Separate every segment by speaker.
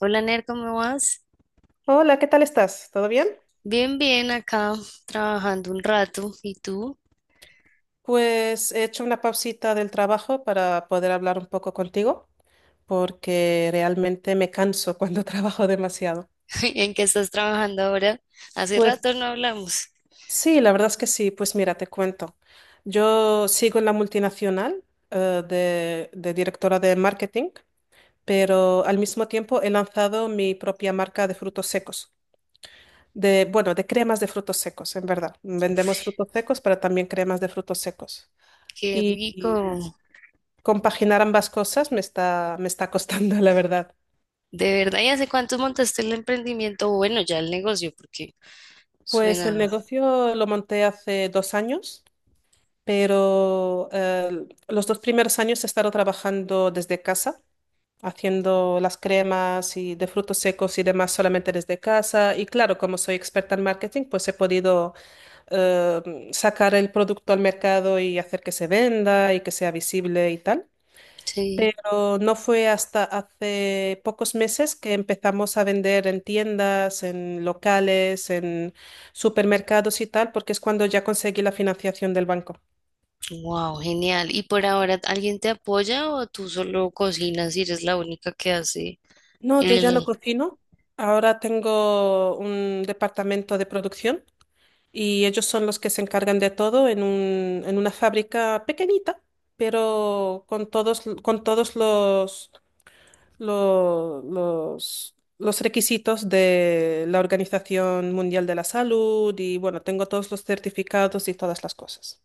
Speaker 1: Hola Ner, ¿cómo vas?
Speaker 2: Hola, ¿qué tal estás? ¿Todo bien?
Speaker 1: Bien, bien, acá trabajando un rato. ¿Y tú?
Speaker 2: Pues he hecho una pausita del trabajo para poder hablar un poco contigo, porque realmente me canso cuando trabajo demasiado.
Speaker 1: ¿En qué estás trabajando ahora? Hace
Speaker 2: Pues
Speaker 1: rato no hablamos.
Speaker 2: sí, la verdad es que sí. Pues mira, te cuento. Yo sigo en la multinacional, de directora de marketing, pero al mismo tiempo he lanzado mi propia marca de frutos secos. Bueno, de cremas de frutos secos, en verdad. Vendemos frutos secos, pero también cremas de frutos secos.
Speaker 1: Qué
Speaker 2: Y,
Speaker 1: rico.
Speaker 2: Compaginar ambas cosas me está costando, la verdad.
Speaker 1: De verdad, ¿y hace cuánto montaste el emprendimiento? Bueno, ya el negocio, porque
Speaker 2: Pues el
Speaker 1: suena.
Speaker 2: negocio lo monté hace 2 años, pero los dos primeros años he estado trabajando desde casa, haciendo las cremas y de frutos secos y demás solamente desde casa. Y claro, como soy experta en marketing, pues he podido sacar el producto al mercado y hacer que se venda y que sea visible y tal.
Speaker 1: Sí.
Speaker 2: Pero no fue hasta hace pocos meses que empezamos a vender en tiendas, en locales, en supermercados y tal, porque es cuando ya conseguí la financiación del banco.
Speaker 1: Wow, genial. ¿Y por ahora alguien te apoya o tú solo cocinas y eres la única que hace
Speaker 2: No, yo ya no
Speaker 1: el,
Speaker 2: cocino. Ahora tengo un departamento de producción y ellos son los que se encargan de todo en una fábrica pequeñita, pero con todos los los requisitos de la Organización Mundial de la Salud y bueno, tengo todos los certificados y todas las cosas.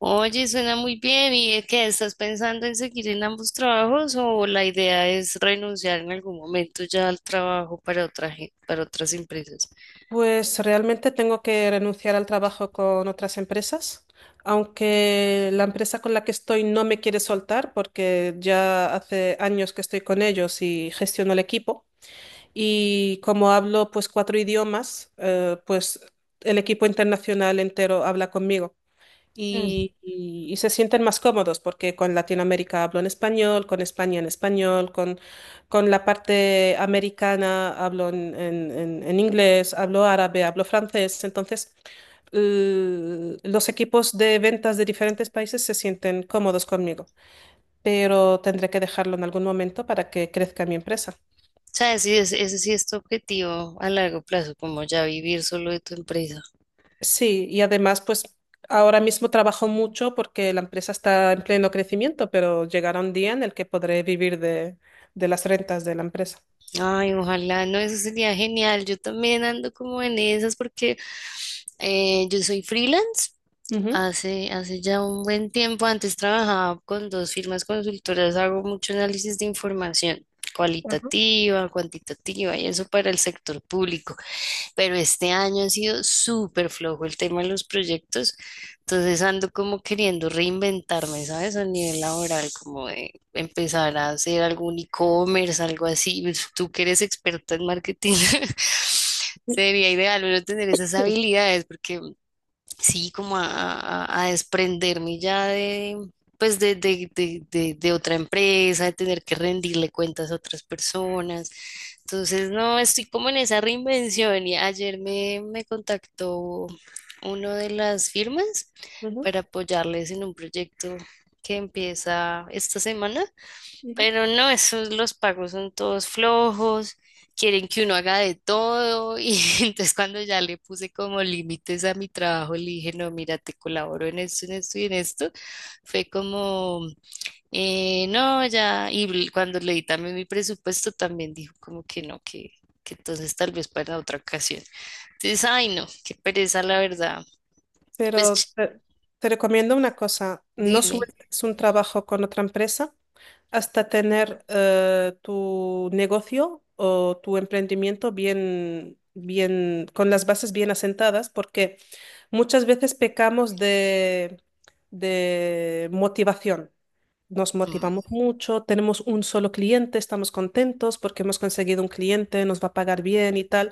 Speaker 1: oye, suena muy bien? ¿Y es que estás pensando en seguir en ambos trabajos o la idea es renunciar en algún momento ya al trabajo para otra, para otras empresas?
Speaker 2: Pues realmente tengo que renunciar al trabajo con otras empresas, aunque la empresa con la que estoy no me quiere soltar porque ya hace años que estoy con ellos y gestiono el equipo. Y como hablo pues cuatro idiomas, pues el equipo internacional entero habla conmigo.
Speaker 1: Hmm.
Speaker 2: Y se sienten más cómodos porque con Latinoamérica hablo en español, con España en español, con la parte americana hablo en inglés, hablo árabe, hablo francés. Entonces, los equipos de ventas de diferentes países se sienten cómodos conmigo, pero tendré que dejarlo en algún momento para que crezca mi empresa.
Speaker 1: ¿Sabes? Sí, ese sí es tu objetivo a largo plazo, como ya vivir solo de tu empresa.
Speaker 2: Sí, y además, pues ahora mismo trabajo mucho porque la empresa está en pleno crecimiento, pero llegará un día en el que podré vivir de las rentas de la empresa.
Speaker 1: Ay, ojalá, no, eso sería genial. Yo también ando como en esas porque yo soy freelance.
Speaker 2: Ujú.
Speaker 1: Hace ya un buen tiempo, antes trabajaba con dos firmas consultoras, hago mucho análisis de información
Speaker 2: Ajá.
Speaker 1: cualitativa, cuantitativa y eso para el sector público, pero este año ha sido súper flojo el tema de los proyectos, entonces ando como queriendo reinventarme, ¿sabes? A nivel laboral, como de empezar a hacer algún e-commerce, algo así. Pues, tú que eres experta en marketing. Sería ideal uno tener esas
Speaker 2: Sí.
Speaker 1: habilidades porque sí, a desprenderme ya de, pues de otra empresa, de tener que rendirle cuentas a otras personas. Entonces, no, estoy como en esa reinvención y ayer me contactó uno de las firmas
Speaker 2: Ujú,
Speaker 1: para apoyarles en un proyecto que empieza esta semana.
Speaker 2: ujú.
Speaker 1: Pero no, esos los pagos son todos flojos, quieren que uno haga de todo, y entonces cuando ya le puse como límites a mi trabajo, le dije, no, mira, te colaboro en esto y en esto. Fue como, no, ya, y cuando leí también mi presupuesto también dijo como que no, que entonces tal vez para otra ocasión. Entonces, ay, no, qué pereza, la verdad. Pues
Speaker 2: Pero te recomiendo una cosa, no
Speaker 1: dime.
Speaker 2: sueltes un trabajo con otra empresa hasta tener tu negocio o tu emprendimiento bien, bien, con las bases bien asentadas, porque muchas veces pecamos de motivación. Nos
Speaker 1: Mm,
Speaker 2: motivamos mucho, tenemos un solo cliente, estamos contentos porque hemos conseguido un cliente, nos va a pagar bien y tal.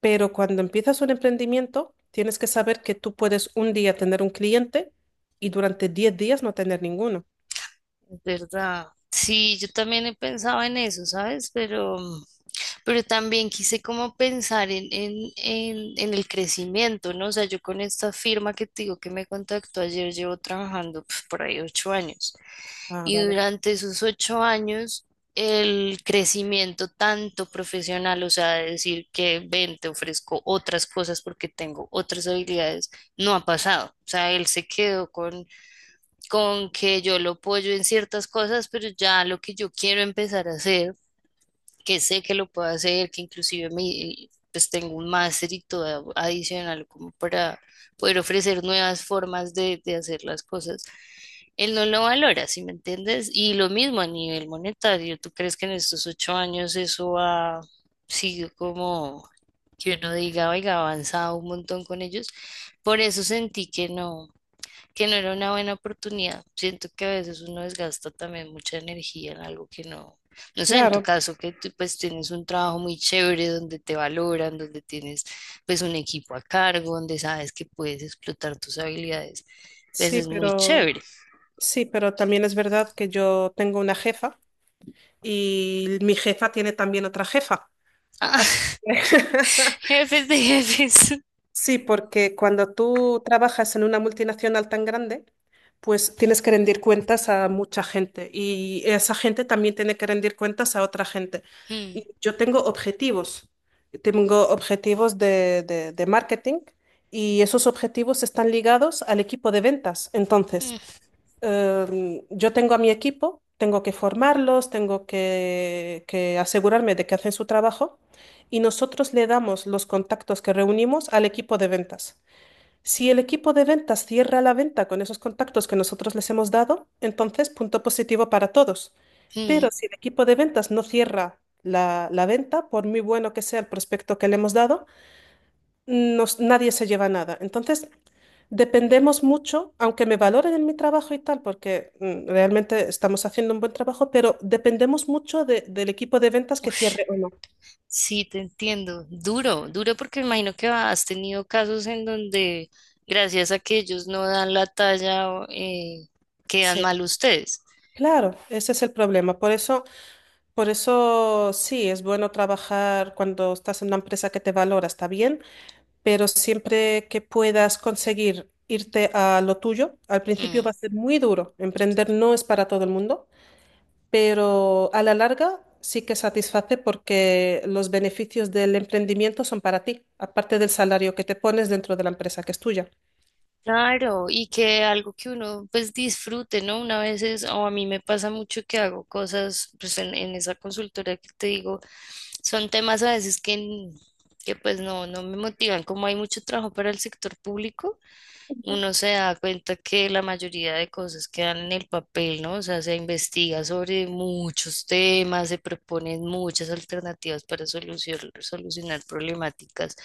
Speaker 2: Pero cuando empiezas un emprendimiento, tienes que saber que tú puedes un día tener un cliente y durante 10 días no tener ninguno.
Speaker 1: es verdad. Sí, yo también he pensado en eso, ¿sabes? Pero también quise como pensar en el crecimiento, ¿no? O sea, yo con esta firma que te digo que me contactó ayer, llevo trabajando pues, por ahí 8 años.
Speaker 2: Ah,
Speaker 1: Y
Speaker 2: vale.
Speaker 1: durante esos 8 años, el crecimiento tanto profesional, o sea, de decir que ven, te ofrezco otras cosas porque tengo otras habilidades, no ha pasado. O sea, él se quedó con que yo lo apoyo en ciertas cosas, pero ya lo que yo quiero empezar a hacer, que sé que lo puedo hacer, que inclusive me, pues tengo un máster y todo adicional como para poder ofrecer nuevas formas de hacer las cosas. Él no lo valora, ¿sí me entiendes? Y lo mismo a nivel monetario, ¿tú crees que en estos 8 años eso ha sido como que uno diga, oiga, ha avanzado un montón con ellos? Por eso sentí que no, que no era una buena oportunidad. Siento que a veces uno desgasta también mucha energía en algo que no, no sé, en tu
Speaker 2: Claro,
Speaker 1: caso que tú pues tienes un trabajo muy chévere donde te valoran, donde tienes pues un equipo a cargo, donde sabes que puedes explotar tus habilidades, pues
Speaker 2: sí,
Speaker 1: es muy
Speaker 2: pero
Speaker 1: chévere.
Speaker 2: sí, pero también es verdad que yo tengo una jefa y mi jefa tiene también otra jefa. Así
Speaker 1: Ah,
Speaker 2: que
Speaker 1: jefes de jefes.
Speaker 2: Sí, porque cuando tú trabajas en una multinacional tan grande, pues tienes que rendir cuentas a mucha gente y esa gente también tiene que rendir cuentas a otra gente.
Speaker 1: Mm,
Speaker 2: Y yo tengo objetivos de marketing y esos objetivos están ligados al equipo de ventas. Entonces,
Speaker 1: mm,
Speaker 2: yo tengo a mi equipo, tengo que formarlos, tengo que asegurarme de que hacen su trabajo y nosotros le damos los contactos que reunimos al equipo de ventas. Si el equipo de ventas cierra la venta con esos contactos que nosotros les hemos dado, entonces punto positivo para todos. Pero
Speaker 1: mm.
Speaker 2: si el equipo de ventas no cierra la venta, por muy bueno que sea el prospecto que le hemos dado, nadie se lleva nada. Entonces, dependemos mucho, aunque me valoren en mi trabajo y tal, porque realmente estamos haciendo un buen trabajo, pero dependemos mucho del equipo de ventas que cierre o no.
Speaker 1: Sí, te entiendo. Duro, duro porque me imagino que has tenido casos en donde gracias a que ellos no dan la talla o, quedan
Speaker 2: Sí,
Speaker 1: mal ustedes.
Speaker 2: claro, ese es el problema. Por eso sí, es bueno trabajar cuando estás en una empresa que te valora, está bien, pero siempre que puedas conseguir irte a lo tuyo, al principio
Speaker 1: Mm.
Speaker 2: va a ser muy duro. Emprender no es para todo el mundo. Pero a la larga sí que satisface porque los beneficios del emprendimiento son para ti, aparte del salario que te pones dentro de la empresa que es tuya.
Speaker 1: Claro, y que algo que uno pues disfrute, ¿no? Una vez es, o a mí me pasa mucho que hago cosas pues en esa consultora que te digo, son temas a veces que pues no, no me motivan, como hay mucho trabajo para el sector público. Uno se da cuenta que la mayoría de cosas quedan en el papel, ¿no? O sea, se investiga sobre muchos temas, se proponen muchas alternativas para solucionar problemáticas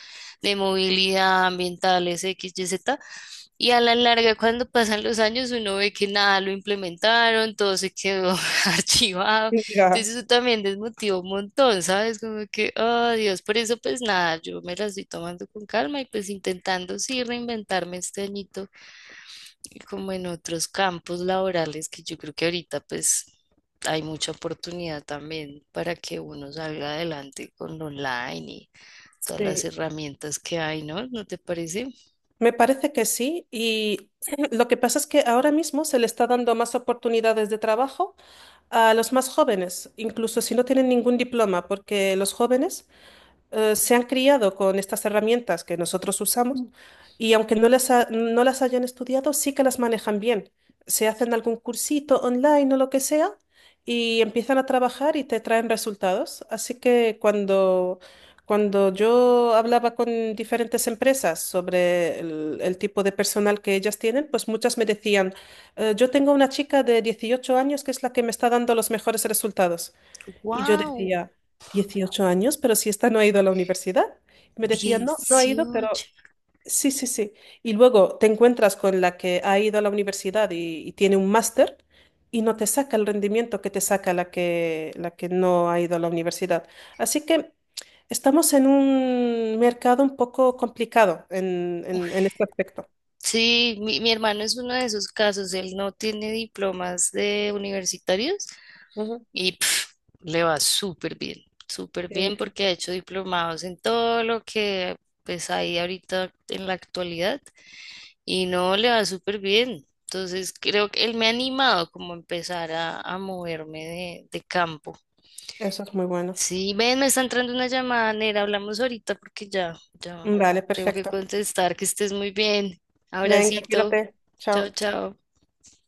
Speaker 1: de movilidad, ambientales, X, Y, Z. Y a la larga, cuando pasan los años, uno ve que nada lo implementaron, todo se quedó archivado.
Speaker 2: Mira,
Speaker 1: Entonces eso también desmotivó un montón, ¿sabes? Como que, oh Dios, por eso pues nada, yo me la estoy tomando con calma y pues intentando sí reinventarme este añito y como en otros campos laborales que yo creo que ahorita pues hay mucha oportunidad también para que uno salga adelante con lo online y todas las
Speaker 2: sí,
Speaker 1: herramientas que hay, ¿no? ¿No te parece?
Speaker 2: me parece que sí. Y lo que pasa es que ahora mismo se le está dando más oportunidades de trabajo a los más jóvenes, incluso si no tienen ningún diploma, porque los jóvenes se han criado con estas herramientas que nosotros usamos y aunque no las hayan estudiado, sí que las manejan bien. Se hacen algún cursito online o lo que sea y empiezan a trabajar y te traen resultados. Así que cuando yo hablaba con diferentes empresas sobre el tipo de personal que ellas tienen, pues muchas me decían: yo tengo una chica de 18 años que es la que me está dando los mejores resultados". Y yo
Speaker 1: ¡Wow!
Speaker 2: decía, 18 años, pero si esta no ha ido a la universidad. Y me decía, no, no ha ido,
Speaker 1: 18.
Speaker 2: pero sí, sí, sí. Y luego te encuentras con la que ha ido a la universidad y tiene un máster y no te saca el rendimiento que te saca la que, no ha ido a la universidad. Así que estamos en un mercado un poco complicado en este aspecto.
Speaker 1: Sí, mi hermano es uno de esos casos, él no tiene diplomas de universitarios
Speaker 2: Ujú,
Speaker 1: y pf, le va súper
Speaker 2: sí,
Speaker 1: bien
Speaker 2: Vicky.
Speaker 1: porque ha hecho diplomados en todo lo que pues hay ahorita en la actualidad y no le va súper bien. Entonces creo que él me ha animado como a empezar a moverme de campo.
Speaker 2: Eso es muy bueno.
Speaker 1: Sí, ven, me está entrando una llamada, Nera, hablamos ahorita porque ya
Speaker 2: Vale,
Speaker 1: tengo que
Speaker 2: perfecto.
Speaker 1: contestar, que estés muy bien.
Speaker 2: Venga,
Speaker 1: Abracito,
Speaker 2: cuídate.
Speaker 1: chao,
Speaker 2: Chao.
Speaker 1: chao.